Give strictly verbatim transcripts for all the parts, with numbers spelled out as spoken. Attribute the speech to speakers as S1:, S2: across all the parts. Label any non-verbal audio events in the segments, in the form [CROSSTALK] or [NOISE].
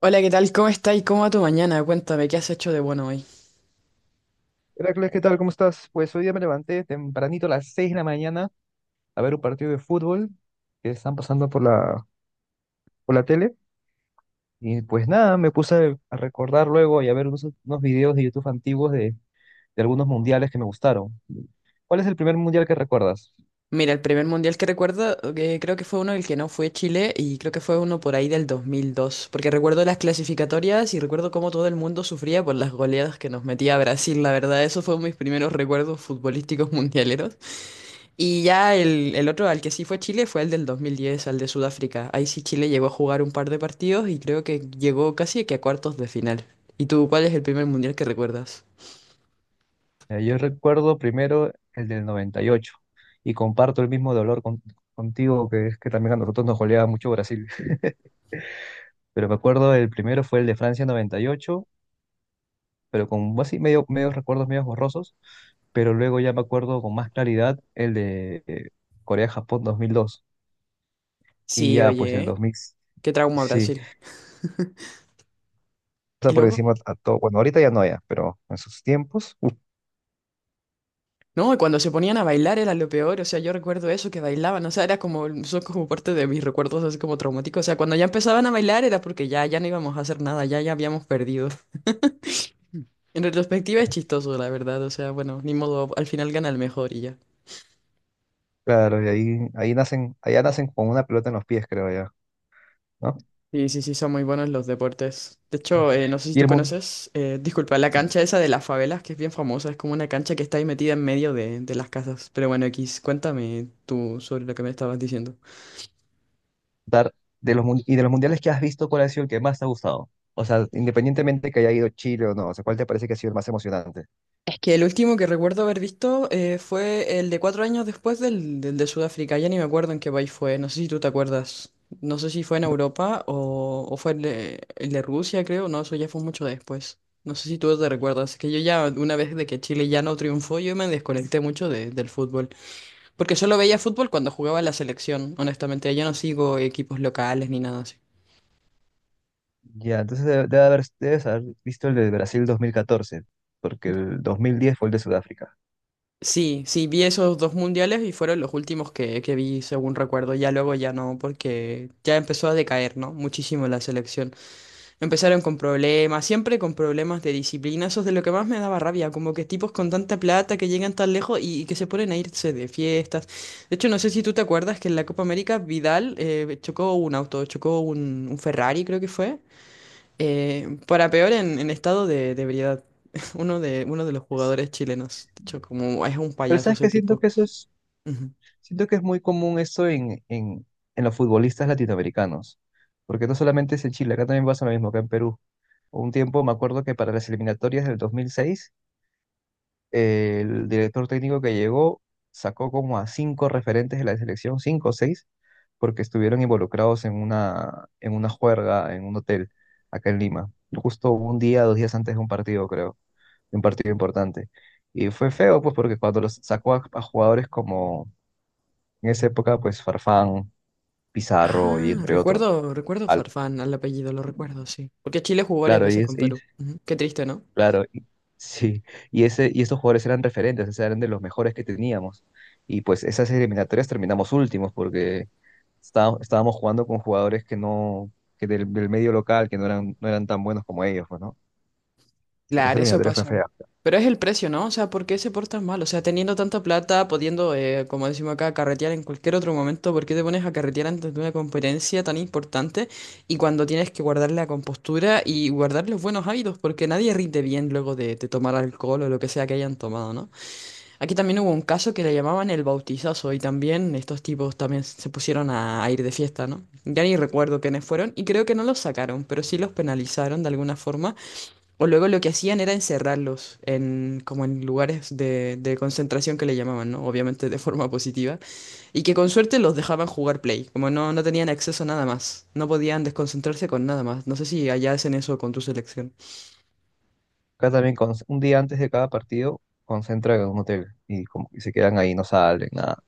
S1: Hola, ¿qué tal? ¿Cómo estás? ¿Cómo va tu mañana? Cuéntame, ¿qué has hecho de bueno hoy?
S2: Heracles, ¿qué tal? ¿Cómo estás? Pues hoy día me levanté tempranito a las seis de la mañana a ver un partido de fútbol que están pasando por la, por la tele. Y pues nada, me puse a recordar luego y a ver unos, unos videos de YouTube antiguos de, de algunos mundiales que me gustaron. ¿Cuál es el primer mundial que recuerdas?
S1: Mira, el primer mundial que recuerdo, que creo que fue uno, el que no fue Chile, y creo que fue uno por ahí del dos mil dos, porque recuerdo las clasificatorias y recuerdo cómo todo el mundo sufría por las goleadas que nos metía Brasil, la verdad, esos fueron mis primeros recuerdos futbolísticos mundialeros. Y ya el, el otro al que sí fue Chile fue el del dos mil diez, al de Sudáfrica. Ahí sí Chile llegó a jugar un par de partidos y creo que llegó casi que a cuartos de final. ¿Y tú cuál es el primer mundial que recuerdas?
S2: Eh, yo recuerdo primero el del noventa y ocho y comparto el mismo dolor con- contigo, que es que también a nosotros nos goleaba mucho Brasil. [LAUGHS] Pero me acuerdo, el primero fue el de Francia noventa y ocho, pero con así medio, medios recuerdos medios borrosos, pero luego ya me acuerdo con más claridad el de eh, Corea-Japón dos mil dos, y
S1: Sí,
S2: ya pues el
S1: oye.
S2: dos mil,
S1: Qué trauma
S2: sí,
S1: Brasil.
S2: está
S1: Y
S2: por
S1: luego,
S2: encima a todo, bueno, ahorita ya no ya, pero en sus tiempos, uf,
S1: no, y cuando se ponían a bailar era lo peor, o sea, yo recuerdo eso, que bailaban, o sea, era como, son como parte de mis recuerdos así como traumáticos, o sea, cuando ya empezaban a bailar era porque ya, ya no íbamos a hacer nada, ya, ya habíamos perdido. En retrospectiva es chistoso, la verdad, o sea, bueno, ni modo, al final gana el mejor y ya.
S2: claro, y ahí, ahí nacen, allá nacen con una pelota en los pies, creo ya, ¿no?
S1: Sí, sí, sí, son muy buenos los deportes. De hecho, eh, no sé si
S2: Y
S1: tú
S2: el mun-
S1: conoces, eh, disculpa, la cancha esa de las favelas, que es bien famosa, es como una cancha que está ahí metida en medio de, de las casas. Pero bueno, X, cuéntame tú sobre lo que me estabas diciendo.
S2: dar- de los, mun- y de los mundiales que has visto, ¿cuál ha sido el que más te ha gustado? O sea, independientemente que haya ido Chile o no, o sea, ¿cuál te parece que ha sido el más emocionante?
S1: Que el último que recuerdo haber visto eh, fue el de cuatro años después del, del de Sudáfrica. Ya ni me acuerdo en qué país fue. No sé si tú te acuerdas. No sé si fue en Europa o, o fue el de, el de Rusia, creo. No, eso ya fue mucho después. No sé si tú te recuerdas. Es que yo ya, una vez de que Chile ya no triunfó, yo me desconecté mucho de- del fútbol. Porque solo veía fútbol cuando jugaba en la selección. Honestamente, ya no sigo equipos locales ni nada así.
S2: Ya, entonces debe, debe haber, debes haber visto el de Brasil dos mil catorce, porque el dos mil diez fue el de Sudáfrica.
S1: Sí, sí, vi esos dos mundiales y fueron los últimos que, que vi, según recuerdo. Ya luego ya no, porque ya empezó a decaer, ¿no? Muchísimo la selección. Empezaron con problemas, siempre con problemas de disciplina. Eso es de lo que más me daba rabia, como que tipos con tanta plata que llegan tan lejos y, y que se ponen a irse de fiestas. De hecho, no sé si tú te acuerdas que en la Copa América Vidal eh, chocó un auto, chocó un, un Ferrari, creo que fue. Eh, para peor en, en estado de, de ebriedad. [LAUGHS] Uno de, uno de los
S2: Es-
S1: jugadores chilenos. De hecho, como es un
S2: Pero
S1: payaso
S2: sabes
S1: ese
S2: que siento
S1: tipo.
S2: que eso es,
S1: Ujú.
S2: siento que es muy común esto en, en, en los futbolistas latinoamericanos, porque no solamente es en Chile, acá también pasa lo mismo, acá en Perú. Un tiempo me acuerdo que para las eliminatorias del dos mil seis, el director técnico que llegó sacó como a cinco referentes de la selección, cinco o seis, porque estuvieron involucrados en una, en una juerga en un hotel acá en Lima, justo un día, dos días antes de un partido, creo, de un partido importante. Y fue feo, pues, porque cuando los sacó a, a jugadores como en esa época, pues Farfán, Pizarro y
S1: Ah,
S2: entre otros.
S1: recuerdo, recuerdo
S2: al-
S1: Farfán al apellido, lo recuerdo, sí. Porque Chile jugó varias
S2: claro, y,
S1: veces
S2: es-
S1: con Perú. Ujú. Qué triste, ¿no?
S2: Claro, y- sí. Y, ese, y esos jugadores eran referentes, o sea, eran de los mejores que teníamos. Y pues esas eliminatorias terminamos últimos porque está- estábamos jugando con jugadores que no, que del, del medio local, que no eran, no eran tan buenos como ellos, pues, ¿no? Pero esa
S1: Claro, eso
S2: eliminatoria fue
S1: pasa.
S2: fea.
S1: Pero es el precio, ¿no? O sea, ¿por qué se portas mal? O sea, teniendo tanta plata, pudiendo, eh, como decimos acá, carretear en cualquier otro momento, ¿por qué te pones a carretear antes de una competencia tan importante y cuando tienes que guardar la compostura y guardar los buenos hábitos? Porque nadie rinde bien luego de, de tomar alcohol o lo que sea que hayan tomado, ¿no? Aquí también hubo un caso que le llamaban el bautizazo y también estos tipos también se pusieron a, a ir de fiesta, ¿no? Ya ni recuerdo quiénes fueron y creo que no los sacaron, pero sí los penalizaron de alguna forma o luego lo que hacían era encerrarlos en, como en lugares de, de concentración que le llamaban, ¿no? Obviamente de forma positiva. Y que con suerte los dejaban jugar play. Como no, no tenían acceso a nada más. No podían desconcentrarse con nada más. No sé si allá hacen eso con tu selección.
S2: Acá también, con, un día antes de cada partido, concentran en un hotel y, como, y se quedan ahí, no salen, nada.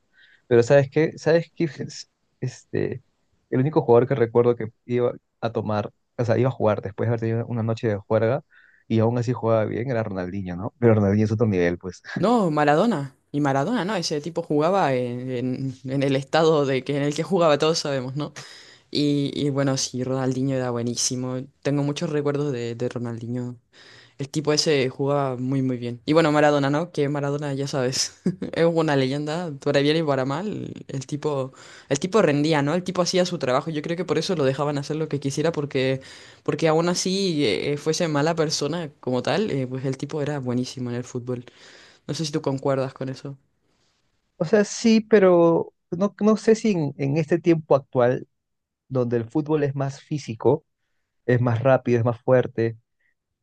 S2: Pero ¿sabes qué? ¿Sabes qué? [LAUGHS] Este, el único jugador que recuerdo que iba a tomar, o sea, iba a jugar después de haber tenido una noche de juerga y aún así jugaba bien, era Ronaldinho, ¿no? Pero Ronaldinho es otro nivel, pues.
S1: No, Maradona. Y Maradona, ¿no? Ese tipo jugaba en, en- en el estado de que, en el que jugaba, todos sabemos, ¿no? Y, y bueno, sí, Ronaldinho era buenísimo. Tengo muchos recuerdos de, de Ronaldinho. El tipo ese jugaba muy muy bien. Y bueno, Maradona, ¿no? Que Maradona, ya sabes, [LAUGHS] es una leyenda, para bien y para mal. El tipo, el tipo rendía, ¿no? El tipo hacía su trabajo. Yo creo que por eso lo dejaban hacer lo que quisiera, porque, porque aún así eh, eh, fuese mala persona como tal, eh, pues el tipo era buenísimo en el fútbol. No sé si tú concuerdas con eso.
S2: O sea, sí, pero no, no sé si en, en este tiempo actual, donde el fútbol es más físico, es más rápido, es más fuerte,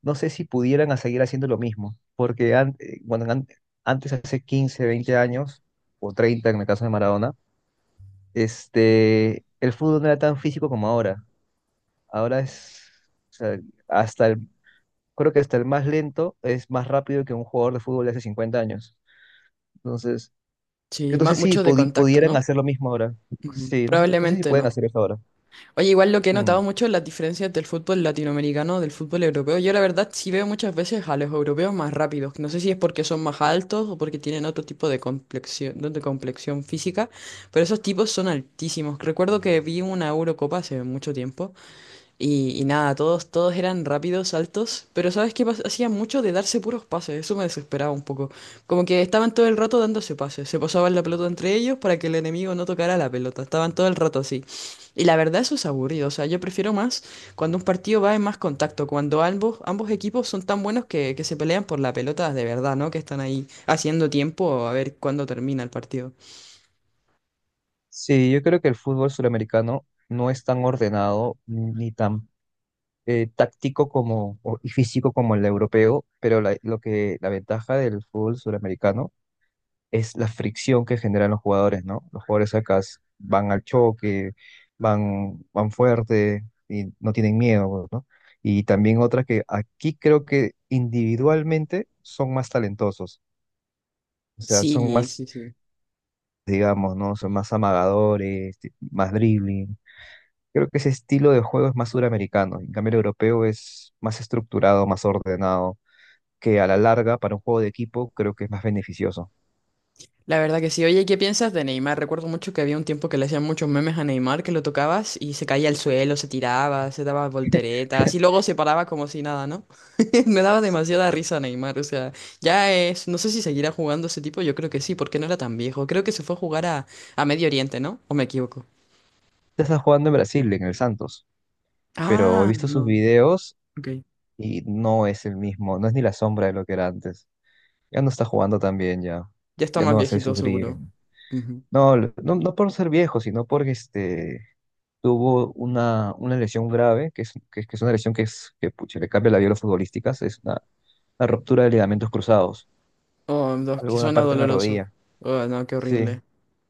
S2: no sé si pudieran a seguir haciendo lo mismo, porque an- eh, bueno, an- antes, hace quince veinte años, o treinta en el caso de Maradona, este, el fútbol no era tan físico como ahora. Ahora es, o sea, hasta el, creo que hasta el más lento es más rápido que un jugador de fútbol de hace cincuenta años. Entonces,
S1: Sí, ma-
S2: entonces sí,
S1: mucho de
S2: pudi-
S1: contacto,
S2: pudieran
S1: ¿no?
S2: hacer lo mismo ahora.
S1: Ujú.
S2: Sí, no sé, no sé si
S1: Probablemente
S2: pueden
S1: no.
S2: hacer eso ahora.
S1: Oye, igual lo que he notado
S2: Mm.
S1: mucho es las diferencias del fútbol latinoamericano, del fútbol europeo. Yo la verdad sí veo muchas veces a los europeos más rápidos. No sé si es porque son más altos o porque tienen otro tipo de complexión, no, de complexión física, pero esos tipos son altísimos. Recuerdo que vi una Eurocopa hace mucho tiempo y, y nada, todos, todos eran rápidos, altos, pero ¿sabes qué pas- Hacían mucho de darse puros pases, eso me desesperaba un poco. Como que estaban todo el rato dándose pases, se pasaban la pelota entre ellos para que el enemigo no tocara la pelota, estaban todo el rato así. Y la verdad eso es aburrido, o sea, yo prefiero más cuando un partido va en más contacto, cuando ambos, ambos equipos son tan buenos que, que se pelean por la pelota de verdad, ¿no? Que están ahí haciendo tiempo a ver cuándo termina el partido.
S2: Sí, yo creo que el fútbol suramericano no es tan ordenado ni tan eh, táctico como o- y físico como el europeo, pero la- lo que la ventaja del fútbol suramericano es la fricción que generan los jugadores, ¿no? Los jugadores acá s- van al choque, van, van fuerte y no tienen miedo, ¿no? Y también otra que aquí creo que individualmente son más talentosos, o sea, son
S1: Sí, sí,
S2: más,
S1: sí.
S2: digamos, ¿no? Son más amagadores, ti- más dribbling. Creo que ese estilo de juego es más suramericano, en cambio el europeo es más estructurado, más ordenado, que a la larga para un juego de equipo creo que es más beneficioso.
S1: La verdad que sí. Oye, ¿qué piensas de Neymar? Recuerdo mucho que había un tiempo que le hacían muchos memes a Neymar, que lo tocabas y se caía al suelo, se tiraba, se daba volteretas y
S2: [LAUGHS]
S1: luego se paraba como si nada, ¿no? [LAUGHS] Me daba demasiada risa Neymar, o sea, ya es, no sé si seguirá jugando ese tipo, yo creo que sí, porque no era tan viejo. Creo que se fue a jugar a, a Medio Oriente, ¿no? ¿O me equivoco?
S2: Tú estás jugando en Brasil, en el Santos. Pero he
S1: Ah,
S2: visto sus
S1: no,
S2: videos
S1: ok.
S2: y no es el mismo, no es ni la sombra de lo que era antes. Ya no está jugando tan bien ya,
S1: Ya está
S2: ya
S1: más
S2: no hace
S1: viejito
S2: sus
S1: seguro.
S2: dribbling.
S1: Ujú.
S2: No, lo- no, no por ser viejo, sino porque este, tuvo una, una lesión grave, que es, que, es que es una lesión que, es, que pucha, le cambia la vida a los futbolistas, es una, una ruptura de ligamentos cruzados,
S1: Oh, dos, que
S2: alguna
S1: suena
S2: parte de la
S1: doloroso.
S2: rodilla.
S1: Oh, no, qué
S2: Sí,
S1: horrible.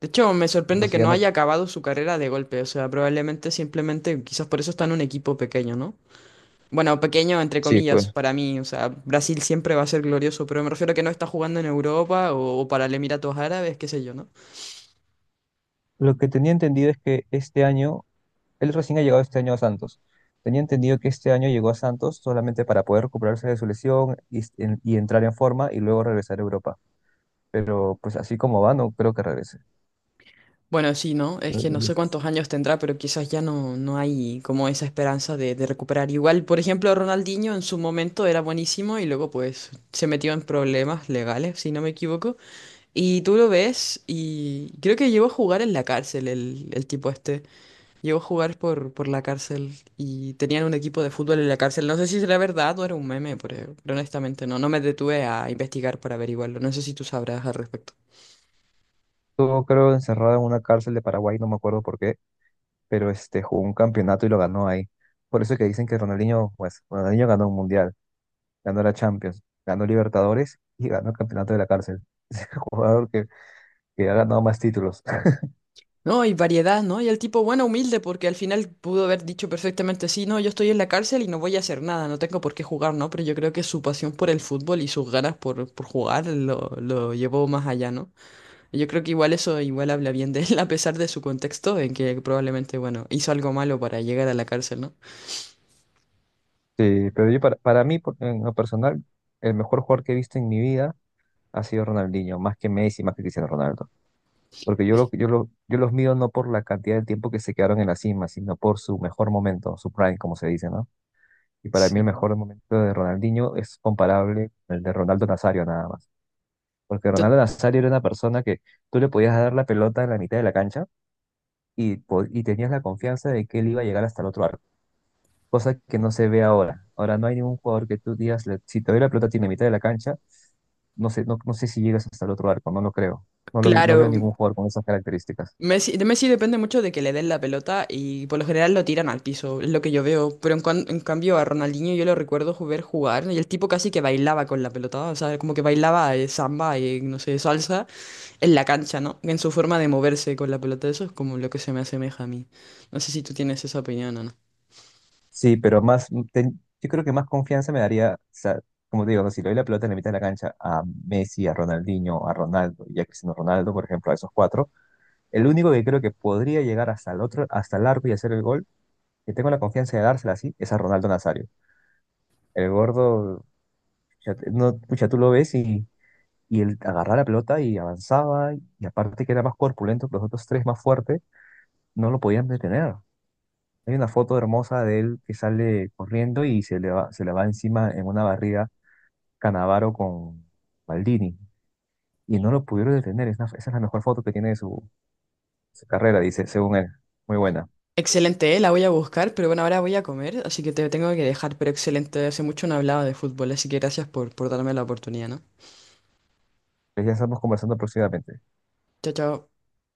S1: De hecho, me sorprende
S2: entonces
S1: que
S2: ya
S1: no
S2: no...
S1: haya acabado su carrera de golpe. O sea, probablemente simplemente, quizás por eso está en un equipo pequeño, ¿no? Bueno, pequeño entre
S2: Sí,
S1: comillas
S2: pues
S1: para mí. O sea, Brasil siempre va a ser glorioso, pero me refiero a que no está jugando en Europa o, o para el Emiratos Árabes, qué sé yo, ¿no?
S2: lo que tenía entendido es que este año él recién ha llegado este año a Santos. Tenía entendido que este año llegó a Santos solamente para poder recuperarse de su lesión y, s- en- y entrar en forma y luego regresar a Europa. Pero pues así como va, no creo que regrese.
S1: Bueno, sí, ¿no? Es que no
S2: Estuvo,
S1: sé cuántos años tendrá, pero quizás ya no, no hay como esa esperanza de, de recuperar. Igual, por ejemplo, Ronaldinho en su momento era buenísimo y luego pues se metió en problemas legales, si no me equivoco. Y tú lo ves y creo que llegó a jugar en la cárcel el, el tipo este. Llegó a jugar por, por la cárcel y tenían un equipo de fútbol en la cárcel. No sé si será verdad o era un meme, pero pero honestamente no. No me detuve a investigar para averiguarlo. No sé si tú sabrás al respecto.
S2: creo, encerrado en una cárcel de Paraguay, no me acuerdo por qué, pero este, jugó un campeonato y lo ganó ahí. Por eso que dicen que Ronaldinho, pues, Ronaldinho ganó un mundial, ganó la Champions, ganó Libertadores y ganó el campeonato de la cárcel. [LAUGHS] Es el jugador que, que ha ganado más títulos.
S1: No, y variedad, ¿no? Y el tipo, bueno, humilde, porque al final pudo haber dicho perfectamente, sí, no, yo estoy en la cárcel y no voy a hacer nada, no tengo por qué jugar, ¿no? Pero yo creo que su pasión por el fútbol y sus ganas por, por jugar lo, lo llevó más allá, ¿no? Yo creo que igual eso igual habla bien de él, [LAUGHS] a pesar de su contexto, en que probablemente, bueno, hizo algo malo para llegar a la cárcel, ¿no?
S2: Sí, pero yo para, para mí, por- en lo personal, el mejor jugador que he visto en mi vida ha sido Ronaldinho, más que Messi, más que Cristiano Ronaldo. Porque yo, lo, yo, lo, yo los mido no por la cantidad de tiempo que se quedaron en la cima, sino por su mejor momento, su prime, como se dice, ¿no? Y para mí el
S1: Sí.
S2: mejor momento de Ronaldinho es comparable con el de Ronaldo Nazario nada más. Porque
S1: To-
S2: Ronaldo Nazario era una persona que tú le podías dar la pelota en la mitad de la cancha y, po- y tenías la confianza de que él iba a llegar hasta el otro arco, cosa que no se ve ahora. Ahora no hay ningún jugador que tú digas, le- si te doy la pelota tiene mitad de la cancha, no sé, no, no sé si llegas hasta el otro arco, no lo creo. No, lo, vi- no veo
S1: Claro,
S2: ningún jugador con esas características.
S1: Messi, de Messi depende mucho de que le den la pelota y por lo general lo tiran al piso, es lo que yo veo. Pero en, cuan- en cambio a Ronaldinho yo lo recuerdo ju- ver jugar y el tipo casi que bailaba con la pelota, o sea, como que bailaba eh, samba y no sé, salsa en la cancha, ¿no? En su forma de moverse con la pelota, eso es como lo que se me asemeja a mí. No sé si tú tienes esa opinión o no.
S2: Sí, pero más, mm, ten- yo creo que más confianza me daría, o sea, como te digo, ¿no? Si le doy la pelota en la mitad de la cancha a Messi, a Ronaldinho, a Ronaldo y a Cristiano Ronaldo, por ejemplo, a esos cuatro, el único que creo que podría llegar hasta el otro, hasta el arco y hacer el gol, que tengo la confianza de dársela así, es a Ronaldo Nazario. El gordo, pucha, no, pucha, tú lo ves. y Y él agarraba la pelota y avanzaba, y aparte que era más corpulento que los otros tres, más fuerte, no lo podían detener. Hay una foto hermosa de él que sale corriendo y se le va, se le va encima en una barrida Canavaro con Maldini. Y no lo pudieron detener. Es una- esa es la mejor foto que tiene de su, su carrera, dice, según él. Muy buena.
S1: Excelente, eh, la voy a buscar, pero bueno, ahora voy a comer, así que te tengo que dejar, pero excelente, hace mucho no hablaba de fútbol, así que gracias por, por darme la oportunidad, ¿no?
S2: Pues ya estamos conversando próximamente.
S1: Chao, chao.